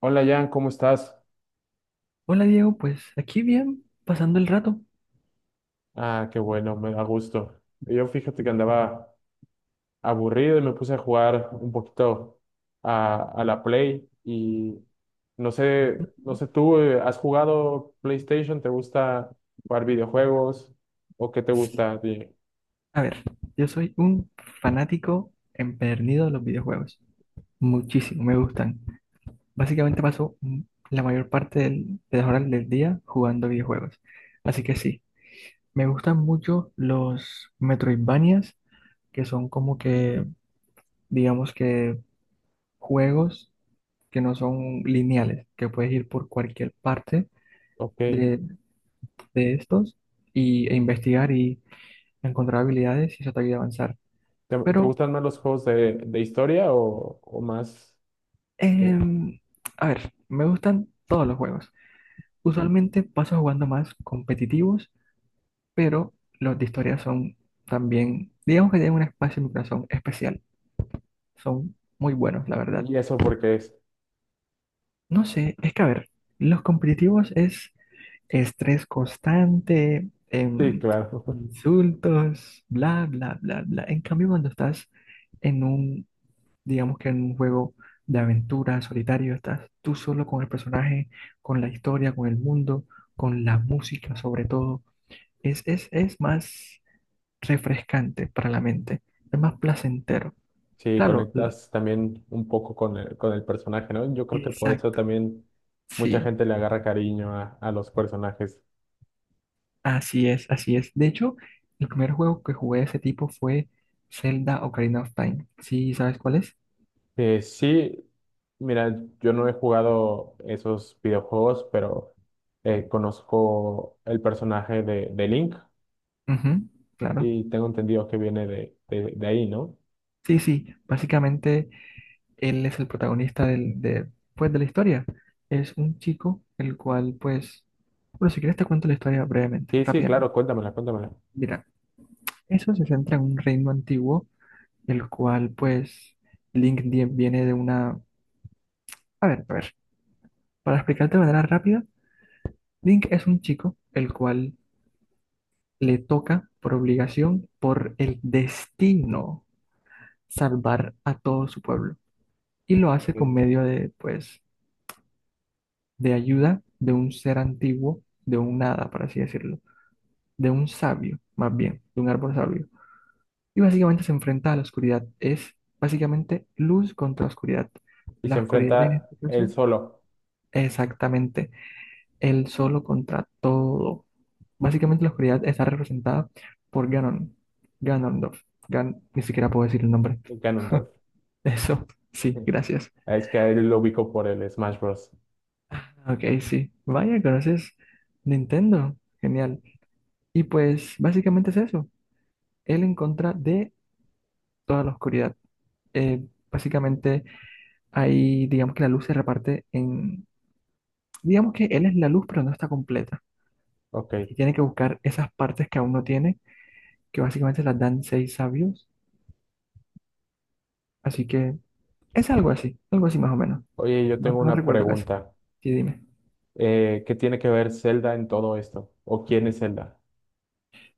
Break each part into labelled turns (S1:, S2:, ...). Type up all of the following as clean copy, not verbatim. S1: Hola Jan, ¿cómo estás?
S2: Hola Diego, pues aquí bien, pasando el rato.
S1: Ah, qué bueno, me da gusto. Yo fíjate que andaba aburrido y me puse a jugar un poquito a la Play y no sé, ¿tú has jugado PlayStation? ¿Te gusta jugar videojuegos? ¿O qué te gusta?
S2: A ver, yo soy un fanático empedernido de los videojuegos. Muchísimo, me gustan. Básicamente paso la mayor parte de las horas del día jugando videojuegos. Así que sí, me gustan mucho los Metroidvanias, que son como que, digamos que, juegos que no son lineales, que puedes ir por cualquier parte
S1: Ok,
S2: de, de estos y, e investigar encontrar habilidades y eso te ayuda a avanzar.
S1: ¿te
S2: Pero,
S1: gustan más los juegos de historia o más? eh,
S2: em, a ver, me gustan todos los juegos. Usualmente paso jugando más competitivos, pero los de historia son también, digamos que tienen un espacio en mi corazón especial. Son muy buenos, la verdad.
S1: ¿Y eso por qué es?
S2: No sé, es que a ver, los competitivos es estrés constante,
S1: Sí, claro.
S2: insultos, bla, bla, bla, bla. En cambio, cuando estás en un digamos que en un juego de aventura solitario, estás tú solo con el personaje, con la historia, con el mundo, con la música sobre todo. Es más refrescante para la mente, es más placentero.
S1: Sí,
S2: Claro,
S1: conectas también un poco con con el personaje, ¿no? Yo creo que por eso
S2: exacto,
S1: también mucha
S2: sí,
S1: gente le agarra cariño a los personajes.
S2: así es, así es. De hecho, el primer juego que jugué de ese tipo fue Zelda Ocarina of Time. ¿Sí sabes cuál es?
S1: Sí, mira, yo no he jugado esos videojuegos, pero conozco el personaje de Link
S2: Ujú, claro.
S1: y tengo entendido que viene de ahí, ¿no?
S2: Sí, sí, básicamente él es el protagonista pues, de la historia. Es un chico el cual, pues, bueno, si quieres te cuento la historia brevemente,
S1: Sí, sí, claro,
S2: rápidamente.
S1: cuéntamela, cuéntamela.
S2: Mira, eso se centra en un reino antiguo, el cual, pues, Link viene de una... a ver, para explicarte de manera rápida, Link es un chico el cual le toca por obligación, por el destino, salvar a todo su pueblo. Y lo hace con
S1: Sí.
S2: medio de, pues, de ayuda de un ser antiguo, de un nada, por así decirlo, de un sabio, más bien, de un árbol sabio. Y básicamente se enfrenta a la oscuridad. Es básicamente luz contra oscuridad.
S1: Y
S2: La
S1: se
S2: oscuridad en
S1: enfrenta
S2: este
S1: él
S2: caso,
S1: solo.
S2: exactamente, el solo contra todo. Básicamente la oscuridad está representada por Ganon, Ganondorf. Ni siquiera puedo decir el nombre.
S1: Ganondorf.
S2: Eso, sí, gracias.
S1: Es que a él lo ubico por el Smash Bros.
S2: Ok, sí. Vaya, conoces Nintendo. Genial. Y pues básicamente es eso. Él en contra de toda la oscuridad. Eh, Básicamente, ahí digamos que la luz se reparte en, digamos que él es la luz, pero no está completa.
S1: Ok.
S2: Y tiene que buscar esas partes que aún no tiene, que básicamente las dan seis sabios. Así que es algo así más o menos.
S1: Oye, yo
S2: No,
S1: tengo
S2: no
S1: una
S2: recuerdo casi.
S1: pregunta.
S2: Sí, dime.
S1: ¿Qué tiene que ver Zelda en todo esto? ¿O quién es Zelda?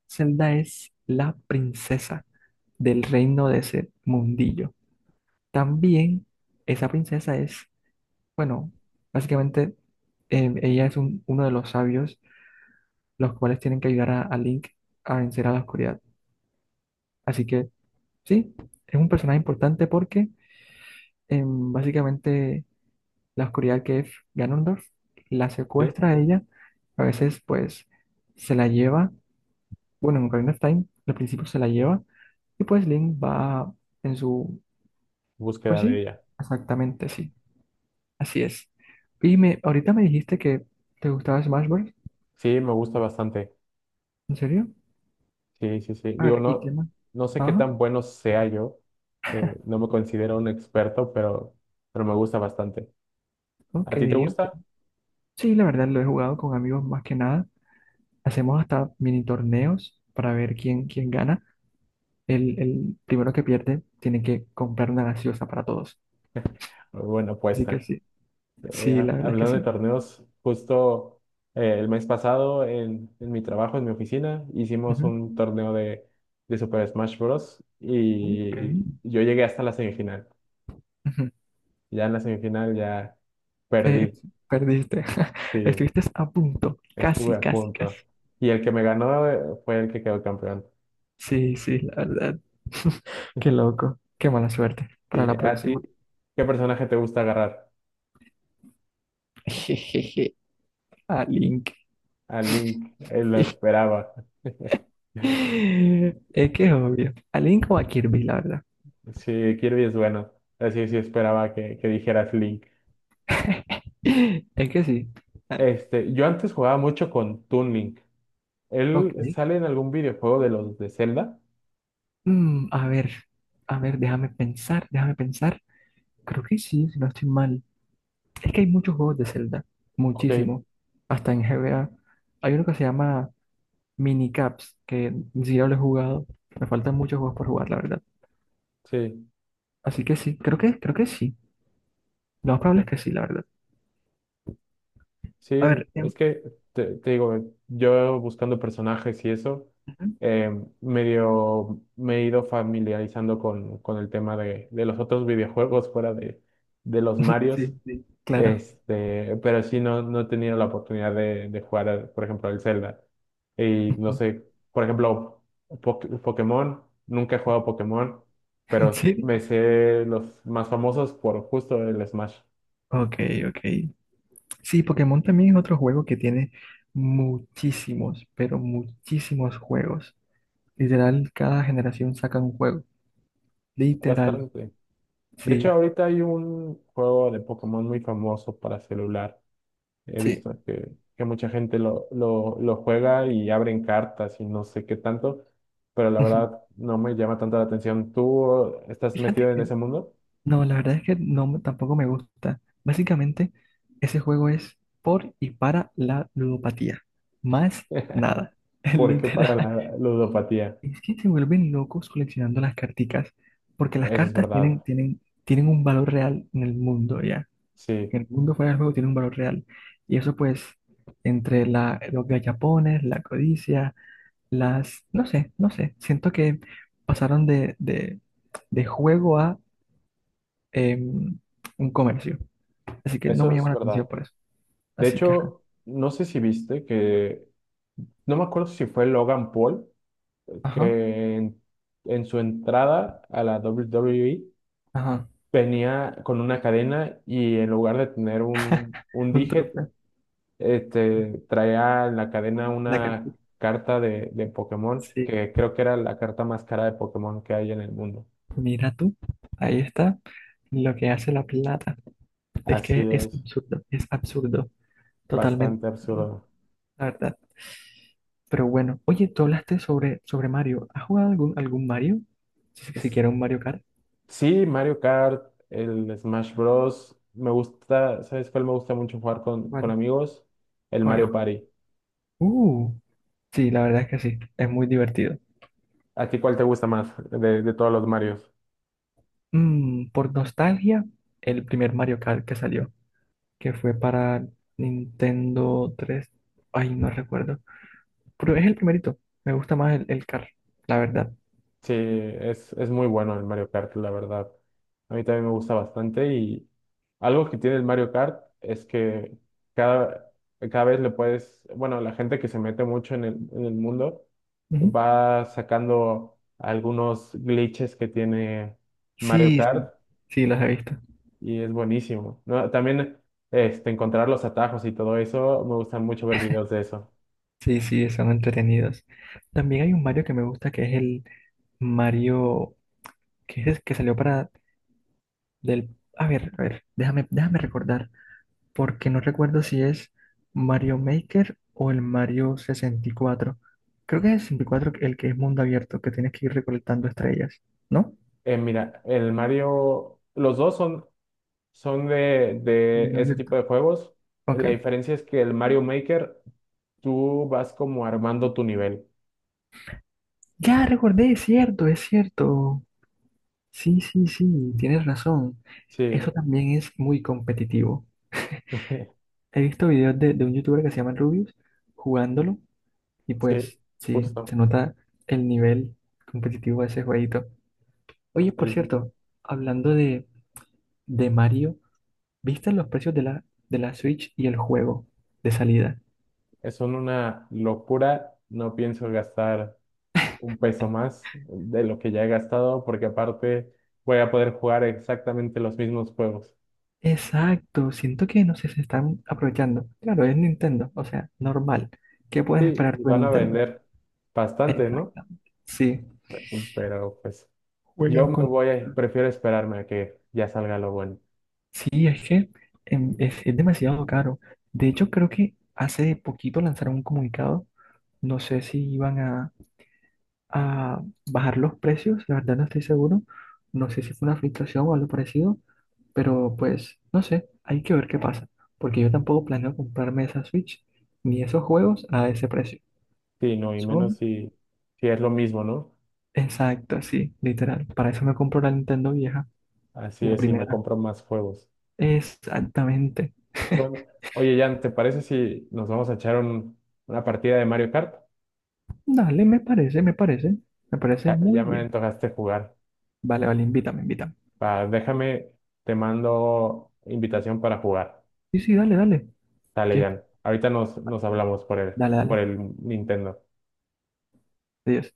S2: Zelda es la princesa del reino de ese mundillo. También esa princesa es, bueno, básicamente ella es uno de los sabios los cuales tienen que ayudar a Link a vencer a la oscuridad. Así que sí, es un personaje importante porque básicamente la oscuridad que es Ganondorf la
S1: ¿Sí?
S2: secuestra a ella, a veces pues se la lleva, bueno, en Ocarina of Time al principio se la lleva y pues Link va en su, pues
S1: Búsqueda de
S2: sí,
S1: ella.
S2: exactamente sí, así es. Y me, ahorita me dijiste que te gustaba Smash Bros.
S1: Sí, me gusta bastante.
S2: ¿En serio?
S1: Sí, sí, sí.
S2: A
S1: Digo,
S2: ver, ¿y qué
S1: no,
S2: más?
S1: no sé qué
S2: Ajá,
S1: tan bueno sea yo. No me considero un experto, pero me gusta bastante.
S2: ok,
S1: ¿A ti te gusta?
S2: ok. Sí, la verdad lo he jugado con amigos más que nada. Hacemos hasta mini torneos para ver quién gana. El primero que pierde tiene que comprar una gaseosa para todos.
S1: Bueno, pues
S2: Así que sí, sí, la verdad es que
S1: hablando de
S2: sí.
S1: torneos, justo el mes pasado en mi trabajo, en mi oficina, hicimos
S2: Ujú.
S1: un torneo de Super Smash Bros.
S2: Qué
S1: Y
S2: bien.
S1: yo llegué hasta la semifinal.
S2: Ujú.
S1: Ya en la semifinal ya perdí,
S2: Sí, perdiste.
S1: sí,
S2: Estuviste a punto.
S1: estuve
S2: Casi,
S1: a
S2: casi, casi.
S1: punto. Y el que me ganó fue el que quedó campeón.
S2: Sí, sí, la verdad. Qué loco. Qué mala suerte. Para
S1: Sí,
S2: la
S1: a ti,
S2: próxima.
S1: ¿qué personaje te gusta agarrar?
S2: Jejeje. A Link.
S1: A Link, él lo esperaba.
S2: Es que es obvio. A Link o a Kirby, la verdad.
S1: Sí, Kirby es bueno. Así sí sí, esperaba que dijeras Link.
S2: Es que sí. Ah,
S1: Este, yo antes jugaba mucho con Toon Link.
S2: ok.
S1: ¿Él sale en algún videojuego de los de Zelda?
S2: A ver, a ver, déjame pensar, déjame pensar. Creo que sí, si no estoy mal. Es que hay muchos juegos de Zelda,
S1: Ok,
S2: muchísimo. Hasta en GBA. Hay uno que se llama Minicaps, que ni siquiera lo he jugado. Me faltan muchos juegos por jugar, la verdad.
S1: sí,
S2: Así que sí, creo que sí. Lo más probable
S1: ok.
S2: es que sí, la verdad.
S1: Sí,
S2: A ver,
S1: es que te digo, yo buscando personajes y eso,
S2: ujú,
S1: eh, medio me he ido familiarizando con el tema de los otros videojuegos fuera de los Marios,
S2: sí, sí, claro.
S1: este, pero sí no, no he tenido la oportunidad de jugar, por ejemplo, el Zelda. Y no
S2: Ujú,
S1: sé, por ejemplo, Pokémon, nunca he jugado
S2: ujú.
S1: Pokémon, pero
S2: Sí,
S1: me sé los más famosos por justo el Smash.
S2: ok, ok. Sí, Pokémon también es otro juego que tiene muchísimos, pero muchísimos juegos. Literal, cada generación saca un juego. Literal,
S1: Bastante. De hecho,
S2: sí,
S1: ahorita hay un juego de Pokémon muy famoso para celular. He
S2: sí.
S1: visto que mucha gente lo juega y abren cartas y no sé qué tanto, pero la
S2: Ujú.
S1: verdad no me llama tanto la atención. ¿Tú estás
S2: Fíjate
S1: metido en
S2: que,
S1: ese mundo?
S2: no, la verdad es que no, tampoco me gusta. Básicamente, ese juego es por y para la ludopatía. Más nada,
S1: Porque para
S2: literal.
S1: la ludopatía.
S2: Es que se vuelven locos coleccionando las carticas, porque las
S1: Eso es
S2: cartas
S1: verdad.
S2: tienen un valor real en el mundo, ¿ya?
S1: Sí,
S2: Que el mundo fuera del juego tiene un valor real. Y eso pues, entre la, los gallapones, la codicia, las, no sé, no sé, siento que pasaron de juego a em, un comercio. Así que no me
S1: eso
S2: llama
S1: es
S2: la
S1: verdad.
S2: atención por eso.
S1: De
S2: Así que, ajá,
S1: hecho, no sé si viste que, no me acuerdo si fue Logan Paul,
S2: ajá,
S1: que en su entrada a la WWE
S2: ajá,
S1: venía con una cadena y en lugar de tener un
S2: un
S1: dije,
S2: trofeo.
S1: este, traía en la cadena
S2: La que-
S1: una carta de Pokémon,
S2: sí,
S1: que creo que era la carta más cara de Pokémon que hay en el mundo.
S2: mira tú, ahí está lo que hace la plata. Es
S1: Así
S2: que
S1: es,
S2: es absurdo, totalmente
S1: bastante
S2: absurdo.
S1: absurdo.
S2: La verdad. Pero bueno, oye, tú hablaste sobre Mario. ¿Has jugado algún Mario? Si,
S1: Es-
S2: siquiera un Mario Kart.
S1: Sí, Mario Kart, el Smash Bros. Me gusta, ¿sabes cuál me gusta mucho jugar con
S2: ¿Cuál?
S1: amigos? El Mario
S2: ¿Cuál?
S1: Party.
S2: Uh, sí, la verdad es que sí, es muy divertido.
S1: ¿A ti cuál te gusta más de todos los Marios?
S2: Por nostalgia, el primer Mario Kart que salió, que fue para Nintendo 3 Ay, no recuerdo. Pero es el primerito. Me gusta más el Kart, la verdad.
S1: Sí, es muy bueno el Mario Kart, la verdad. A mí también me gusta bastante y algo que tiene el Mario Kart es que cada, cada vez le puedes, bueno, la gente que se mete mucho en en el mundo
S2: Ujú.
S1: va sacando algunos glitches que tiene Mario
S2: Sí,
S1: Kart
S2: sí, sí, los he visto.
S1: y es buenísimo, ¿no? También este, encontrar los atajos y todo eso, me gustan mucho ver videos de eso.
S2: Sí, sí, son entretenidos. También hay un Mario que me gusta que es el Mario que es que salió para del... a ver, déjame recordar, porque no recuerdo si es Mario Maker o el Mario 64 Creo que es el 64 el que es mundo abierto, que tienes que ir recolectando estrellas, ¿no?
S1: Mira, el Mario, los dos son son
S2: Mundo
S1: de ese tipo
S2: abierto.
S1: de juegos.
S2: Ok.
S1: La diferencia es que el Mario Maker, tú vas como armando tu nivel.
S2: Ya recordé, es cierto, es cierto. Sí, sí, sí, tienes razón. Eso
S1: Sí,
S2: también es muy competitivo. He visto videos de un youtuber que se llama Rubius jugándolo. Y
S1: sí,
S2: pues sí, se
S1: justo.
S2: nota el nivel competitivo de ese jueguito. Oye, por
S1: Sí, sí.
S2: cierto, hablando de Mario, ¿viste los precios de de la Switch y el juego de salida?
S1: Es Son una locura. No pienso gastar un peso más de lo que ya he gastado, porque aparte voy a poder jugar exactamente los mismos juegos.
S2: Exacto, siento que no sé, se están aprovechando. Claro, es Nintendo, o sea, normal. ¿Qué puedes
S1: Sí,
S2: esperar
S1: y
S2: tú de
S1: van a
S2: Nintendo?
S1: vender bastante, ¿no?
S2: Exactamente. Sí,
S1: Pero pues yo
S2: juegan
S1: me
S2: con...
S1: voy a, prefiero esperarme a que ya salga lo bueno.
S2: Sí, es que es demasiado caro. De hecho, creo que hace poquito lanzaron un comunicado, no sé si iban a bajar los precios, la verdad no estoy seguro, no sé si fue una filtración o algo parecido, pero pues no sé, hay que ver qué pasa, porque yo tampoco planeo comprarme esa Switch ni esos juegos a ese precio.
S1: Sí, no, y menos
S2: Son
S1: si, si es lo mismo, ¿no?
S2: Exacto, sí, literal, para eso me compro la Nintendo vieja,
S1: Así
S2: la
S1: es, si me
S2: primera.
S1: compro más juegos.
S2: Exactamente.
S1: Bueno, oye, Jan, ¿te parece si nos vamos a echar una partida de Mario Kart?
S2: Dale, me parece, me parece, me parece
S1: Ya,
S2: muy
S1: ya me
S2: bien.
S1: antojaste jugar.
S2: Vale, vale, invítame, invítame.
S1: Déjame, te mando invitación para jugar.
S2: Sí, sí, dale, dale.
S1: Dale,
S2: Aquí
S1: Jan.
S2: estoy.
S1: Ahorita nos hablamos por
S2: Dale,
S1: por
S2: dale.
S1: el Nintendo.
S2: Adiós.